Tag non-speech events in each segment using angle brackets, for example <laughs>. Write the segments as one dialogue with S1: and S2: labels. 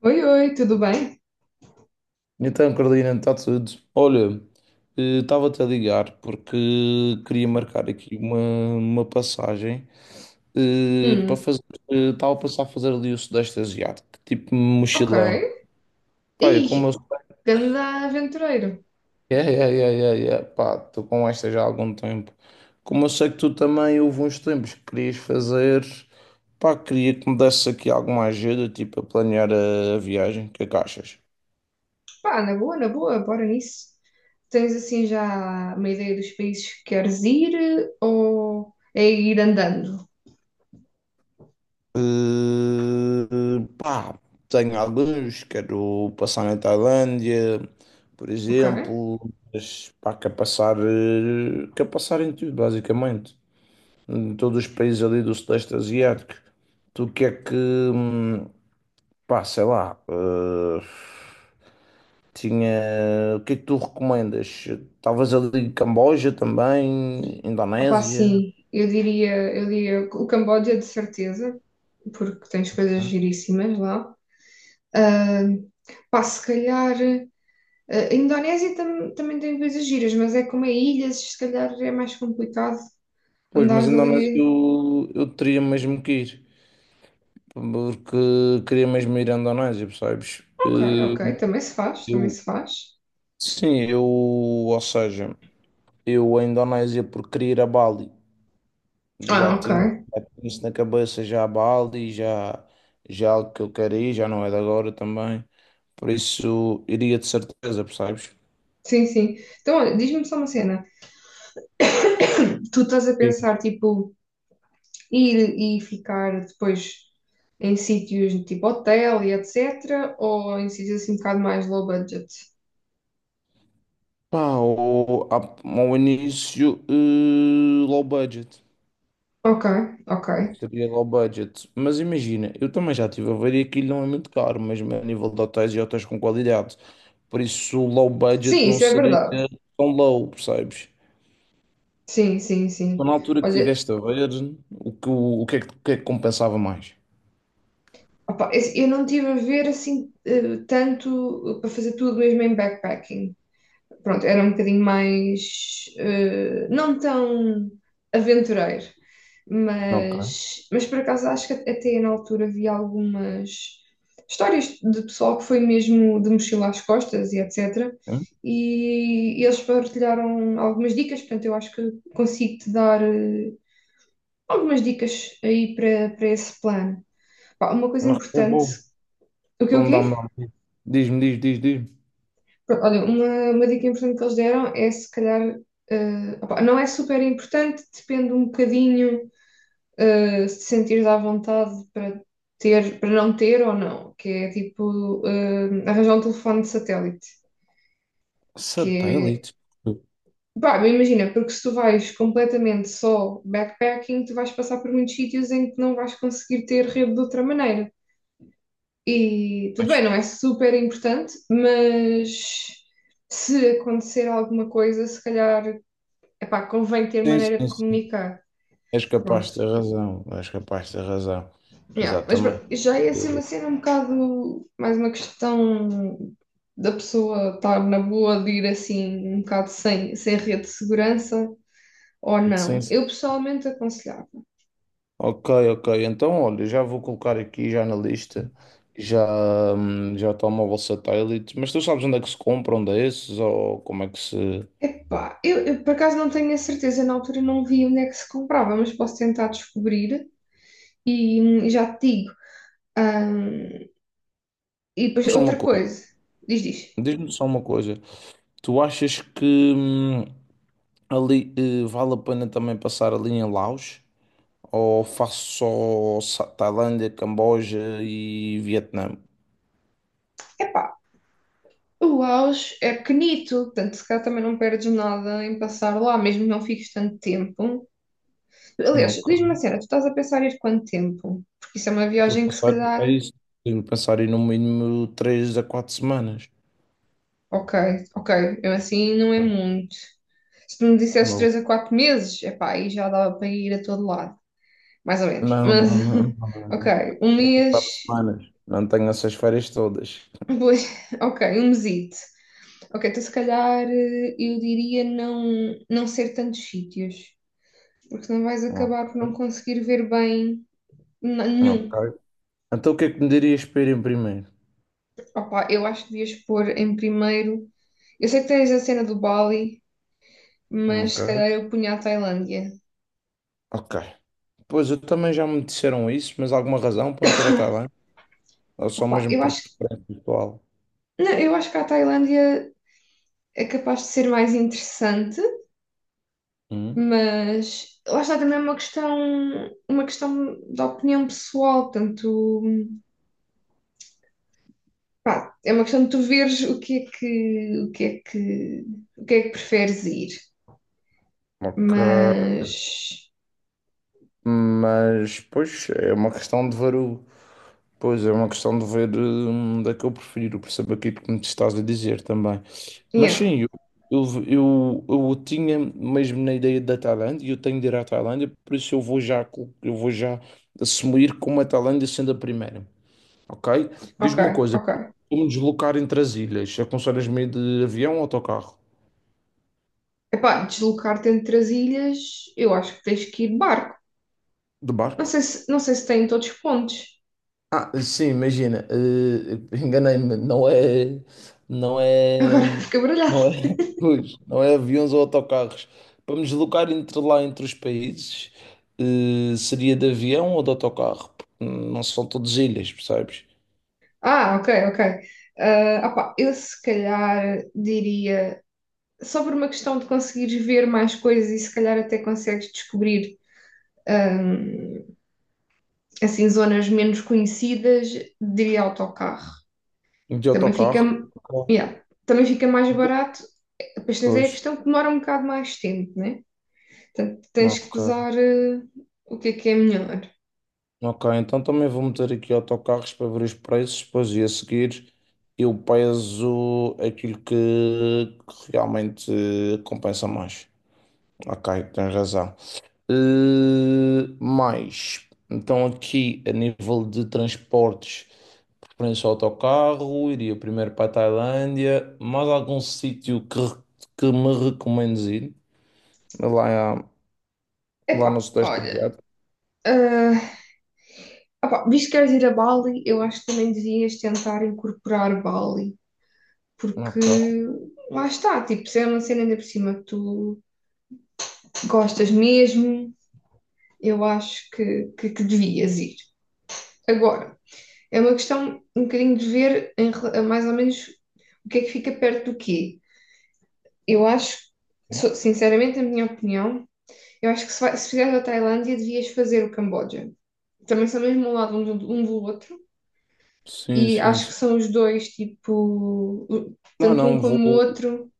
S1: Oi, oi, tudo bem?
S2: Então, Carolina, está tudo. Olha, estava-te a ligar porque queria marcar aqui uma passagem para
S1: Hum,
S2: fazer. Estava a pensar fazer ali o Sudeste Asiático, tipo
S1: ok.
S2: mochilão. Pá, eu
S1: Ih,
S2: sei.
S1: grande aventureiro.
S2: Pá, estou com esta já há algum tempo. Como eu sei que tu também houve uns tempos que querias fazer, pá, queria que me desse aqui alguma ajuda, tipo, a planear a viagem. O que é que achas?
S1: Pá, na boa, bora nisso. Tens assim já uma ideia dos países que queres ir ou é ir andando?
S2: Eh, pá, tenho alguns, quero passar na Tailândia, por
S1: Ok.
S2: exemplo, mas pá, quero passar, quero passar em tudo, basicamente, em todos os países ali do Sudeste Asiático. Tu que é que, pá, sei lá, tinha, o que é que tu recomendas? Talvez ali Camboja também,
S1: Opa,
S2: Indonésia.
S1: sim, eu diria o Camboja de certeza, porque tens coisas giríssimas lá. Ah, pá, se calhar. A Indonésia tam- também tem coisas giras, mas é como é ilhas, se calhar é mais complicado
S2: Pois,
S1: andar
S2: mas Indonésia
S1: ali.
S2: eu teria mesmo que ir. Porque queria mesmo ir à Indonésia, percebes?
S1: Ok, ok, também se faz, também
S2: Eu,
S1: se faz.
S2: sim, ou seja, eu à Indonésia porque queria ir a Bali, já
S1: Ah, ok.
S2: tinha, já tinha isso na cabeça, já a Bali, já, já é algo que eu quero ir, já não é de agora também, por isso iria de certeza, percebes?
S1: Sim, sim. Então, olha, diz-me só uma cena. <coughs> <clears throat> Tu estás a
S2: Sim.
S1: pensar, tipo, ir e ficar depois em sítios tipo hotel e etc. Ou em sítios assim um bocado mais low budget?
S2: Pá, ao início, low budget.
S1: Ok, ok.
S2: Seria low budget. Mas imagina, eu também já estive a ver e aquilo não é muito caro, mesmo a nível de hotéis e hotéis com qualidade. Por isso, o low budget
S1: Sim,
S2: não
S1: isso é
S2: seria
S1: verdade.
S2: tão low, percebes?
S1: Sim, sim,
S2: Então,
S1: sim.
S2: na altura que
S1: Olha,
S2: estiveste a ver, o que é que compensava mais?
S1: opá, eu não estive a ver assim tanto, para fazer tudo mesmo em backpacking. Pronto, era um bocadinho mais, não tão aventureiro,
S2: Ok.
S1: mas por acaso acho que até na altura vi algumas histórias de pessoal que foi mesmo de mochila às costas e etc.
S2: Hum?
S1: E eles partilharam algumas dicas, portanto, eu acho que consigo te dar algumas dicas aí para, para esse plano. Pá, uma coisa
S2: Não, é
S1: importante,
S2: bom.
S1: o que o
S2: Então
S1: quê?
S2: dá-me. Diz-me, diz.
S1: Pronto, olha, uma dica importante que eles deram é se calhar, opá, não é super importante, depende um bocadinho, se te sentires à vontade para ter, para não ter ou não, que é tipo, arranjar um telefone de satélite, que é,
S2: Satélite?
S1: pá, imagina, porque se tu vais completamente só backpacking, tu vais passar por muitos sítios em que não vais conseguir ter rede de outra maneira. E tudo
S2: Pois.
S1: bem, não é super importante, mas se acontecer alguma coisa, se calhar, epá, convém ter
S2: Sim,
S1: maneira de
S2: sim, sim.
S1: comunicar.
S2: És capaz
S1: Pronto.
S2: de ter razão. És capaz de ter razão.
S1: Yeah, mas
S2: Exatamente.
S1: pronto, já é assim
S2: Eh,
S1: uma cena um bocado mais uma questão da pessoa estar na boa de ir assim um bocado sem, sem rede de segurança ou
S2: Sim,
S1: não.
S2: sim.
S1: Eu pessoalmente aconselhava.
S2: Ok, ok. Então, olha, já vou colocar aqui já na lista, já, já telemóvel satélite, mas tu sabes onde é que se compra, onde é esses, ou como é que se...
S1: Epá, eu por acaso não tenho a certeza, na altura não vi onde é que se comprava, mas posso tentar descobrir e já te digo. Ahm, e depois
S2: Diz-me Só uma
S1: outra
S2: coisa,
S1: coisa, diz, diz.
S2: diz-me só uma coisa, tu achas que hum, ali vale a pena também passar ali em Laos, ou faço só Tailândia, Camboja e Vietnã?
S1: Epá, o Auge é pequenito, portanto, se calhar também não perdes nada em passar lá, mesmo que não fiques tanto tempo. Aliás, diz-me uma
S2: Ok.
S1: cena, tu estás a pensar em ir quanto tempo? Porque isso é uma
S2: Estou a
S1: viagem que se
S2: pensar, é
S1: calhar,
S2: isso, tenho que pensar em no mínimo três a quatro semanas.
S1: ok, ok, eu assim não é muito. Se tu me dissesses
S2: Tá.
S1: 3 a 4 meses, epá, aí já dava para ir a todo lado, mais ou menos.
S2: Não,
S1: Mas,
S2: não, não, não, não.
S1: <laughs>
S2: não.
S1: ok, um
S2: Três a quatro
S1: mês,
S2: semanas. Não tenho essas férias todas.
S1: pois, <laughs> ok, um mesito. Ok, então se calhar eu diria não, não ser tantos sítios. Porque senão vais acabar
S2: Ok.
S1: por não conseguir ver bem nenhum.
S2: Ok. Então o que é que me dirias para ir em primeiro?
S1: Opa, eu acho que devias pôr em primeiro. Eu sei que tens a cena do Bali, mas se calhar
S2: Ok.
S1: eu punha a Tailândia.
S2: Ok. Pois eu também já me disseram isso, mas alguma razão para me ter a Tailândia? Ou só
S1: Opa,
S2: mesmo
S1: eu
S2: por
S1: acho,
S2: preferência pessoal?
S1: não, eu acho que a Tailândia é capaz de ser mais interessante,
S2: Hum?
S1: mas lá está também uma questão da opinião pessoal, portanto, pá, é uma questão de tu veres o que é que, o que é que, o que é que preferes ir.
S2: Ok.
S1: Mas,
S2: Mas, pois, é uma questão de ver o... Pois, é uma questão de ver onde é que eu prefiro, por saber aquilo que me estás a dizer também. Mas
S1: yeah.
S2: sim, eu, eu, eu tinha mesmo na ideia da Tailândia, e eu tenho de ir à Tailândia, por isso eu vou já assumir como a Tailândia sendo a primeira, ok?
S1: Ok,
S2: Diz-me uma coisa, como
S1: ok.
S2: me deslocar entre as ilhas? Aconselhas-me de avião ou autocarro?
S1: Epá, deslocar-te entre as ilhas, eu acho que tens que ir de barco.
S2: De
S1: Não
S2: barco?
S1: sei se, não sei se tem em todos os pontos.
S2: Ah, sim, imagina, enganei-me, não é,
S1: Agora <laughs> fica baralhado.
S2: não é, <laughs> pois, não é aviões ou autocarros. Para me deslocar entre lá, entre os países, seria de avião ou de autocarro? Porque não são todas ilhas, percebes?
S1: Ah, ok, ok. Ah, opá, eu se calhar diria, só por uma questão de conseguires ver mais coisas e se calhar até consegues descobrir hum, assim zonas menos conhecidas, diria autocarro.
S2: De
S1: Também fica,
S2: autocarro? Ok.
S1: yeah, também fica mais barato. Depois tens aí a
S2: Pois,
S1: questão que demora um bocado mais tempo, né? Portanto, tens que
S2: ok.
S1: pesar, o que é melhor.
S2: Ok, então também vou meter aqui autocarros para ver os preços, depois e a seguir eu peso aquilo que realmente compensa mais. Ok, tens razão. Mais, então aqui a nível de transportes, preferência ao autocarro, iria primeiro para a Tailândia, mais algum sítio que me recomendes ir? Lá, lá no
S1: Epá,
S2: Sudeste
S1: olha.
S2: Asiático.
S1: ah, Opá, visto que queres ir a Bali, eu acho que também devias tentar incorporar Bali, porque
S2: Ok,
S1: lá está, tipo, se é uma cena ainda por cima que tu gostas mesmo, eu acho que devias ir. Agora, é uma questão um bocadinho de ver em rela- mais ou menos o que é que fica perto do quê. Eu acho, so- sinceramente, na minha opinião, eu acho que se, vai, se fizeres a Tailândia, devias fazer o Camboja. Também são mesmo ao lado um do outro,
S2: sim,
S1: e
S2: sim,
S1: acho que
S2: sim.
S1: são os dois, tipo, o-
S2: Não,
S1: tanto um como o outro.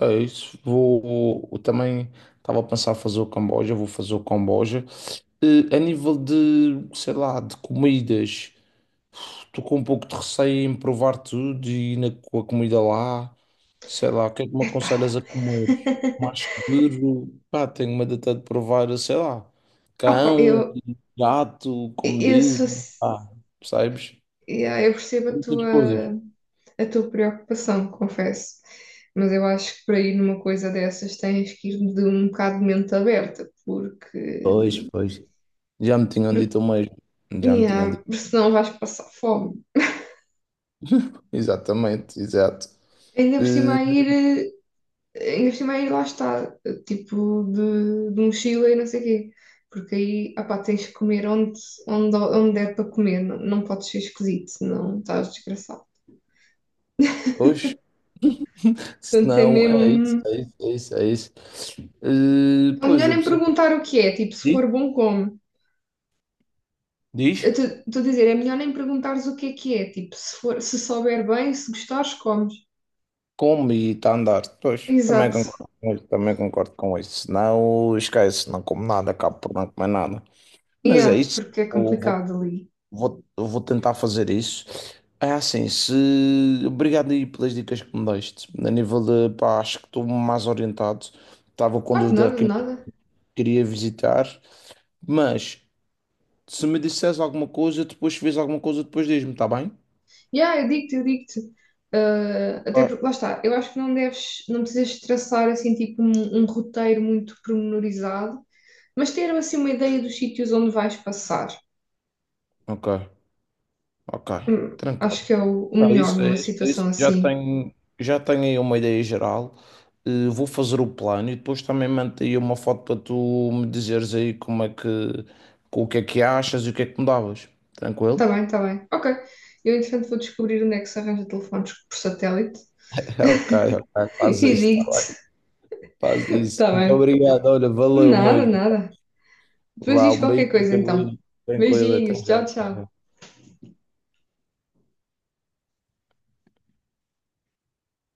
S2: é isso, vou, eu também estava a pensar fazer o Camboja, vou fazer o Camboja. Eh, a nível de, sei lá, de comidas... Estou com um pouco de receio em provar tudo e ir na, com a comida lá. Sei lá, o que é que me
S1: Epá,
S2: aconselhas a comer? Mais seguro? Pá, tenho medo até de provar, sei lá,
S1: opa,
S2: cão,
S1: eu,
S2: gato, como
S1: eu sou.
S2: dizem. Pá, percebes?
S1: Yeah, eu percebo
S2: Muitas coisas.
S1: a tua preocupação, confesso. Mas eu acho que para ir numa coisa dessas tens que ir de um bocado de mente aberta, porque,
S2: Pois, pois. Já me tinham
S1: porque
S2: dito o mesmo. Já me tinham
S1: yeah,
S2: dito.
S1: senão vais passar fome.
S2: Exatamente, exato.
S1: Ainda por cima
S2: Eh,
S1: a ir eh, ainda por cima aí lá está, tipo de mochila e não sei o quê. Porque aí, opá, tens que comer onde, onde, onde é para comer, não, não podes ser esquisito, senão estás desgraçado.
S2: pois, se
S1: Portanto, é
S2: não, é isso,
S1: mesmo.
S2: é isso, é isso, é isso.
S1: É melhor
S2: Eu
S1: nem
S2: percebo.
S1: perguntar o que é, tipo, se
S2: Diz?
S1: for bom, come.
S2: Diz?
S1: Estou a dizer, é melhor nem perguntares o que é, tipo, se for, se souber bem, se gostares, comes.
S2: Como e está a andar. Pois, também hum.
S1: Exato.
S2: Concordo com isso, também concordo com isso. Senão, esquece, não como nada, acabo por não comer nada. Mas
S1: É,
S2: é isso,
S1: porque é
S2: eu vou,
S1: complicado ali.
S2: eu vou tentar fazer isso. É assim, se... Obrigado aí pelas dicas que me deste. A nível de, pá, acho que estou mais orientado. Estava com
S1: Pá, de
S2: dúvida
S1: nada, de
S2: que
S1: nada.
S2: queria visitar. Mas, se me disseres alguma coisa, depois, se vês alguma coisa, depois diz-me, está bem?
S1: Yeah, eu digo-te, eu digo-te. Ah, até
S2: Ok,
S1: porque, lá está, eu acho que não deves, não precisas traçar assim tipo um, um roteiro muito pormenorizado, mas ter assim uma ideia dos sítios onde vais passar.
S2: ok, ok.
S1: Acho que
S2: Tranquilo.
S1: é o
S2: É
S1: melhor
S2: isso,
S1: numa
S2: é isso, é isso.
S1: situação assim.
S2: Já tenho aí uma ideia geral. Vou fazer o plano e depois também mando aí uma foto para tu me dizeres aí como é que, o que é que achas e o que é que mudavas.
S1: Tá
S2: Tranquilo?
S1: bem, tá bem. Ok. Eu, entretanto, vou descobrir onde é que se arranja telefones por satélite.
S2: <laughs> Ok,
S1: <laughs>
S2: ok,
S1: E
S2: faz isso, tá
S1: digo-te.
S2: bem, faz isso.
S1: Tá
S2: Muito
S1: bem.
S2: obrigado, olha, valeu
S1: Nada,
S2: mesmo.
S1: nada. Depois
S2: Vá,
S1: diz
S2: um
S1: qualquer
S2: beijinho,
S1: coisa então.
S2: Carolina. Tranquilo, até
S1: Beijinhos, tchau,
S2: já.
S1: tchau.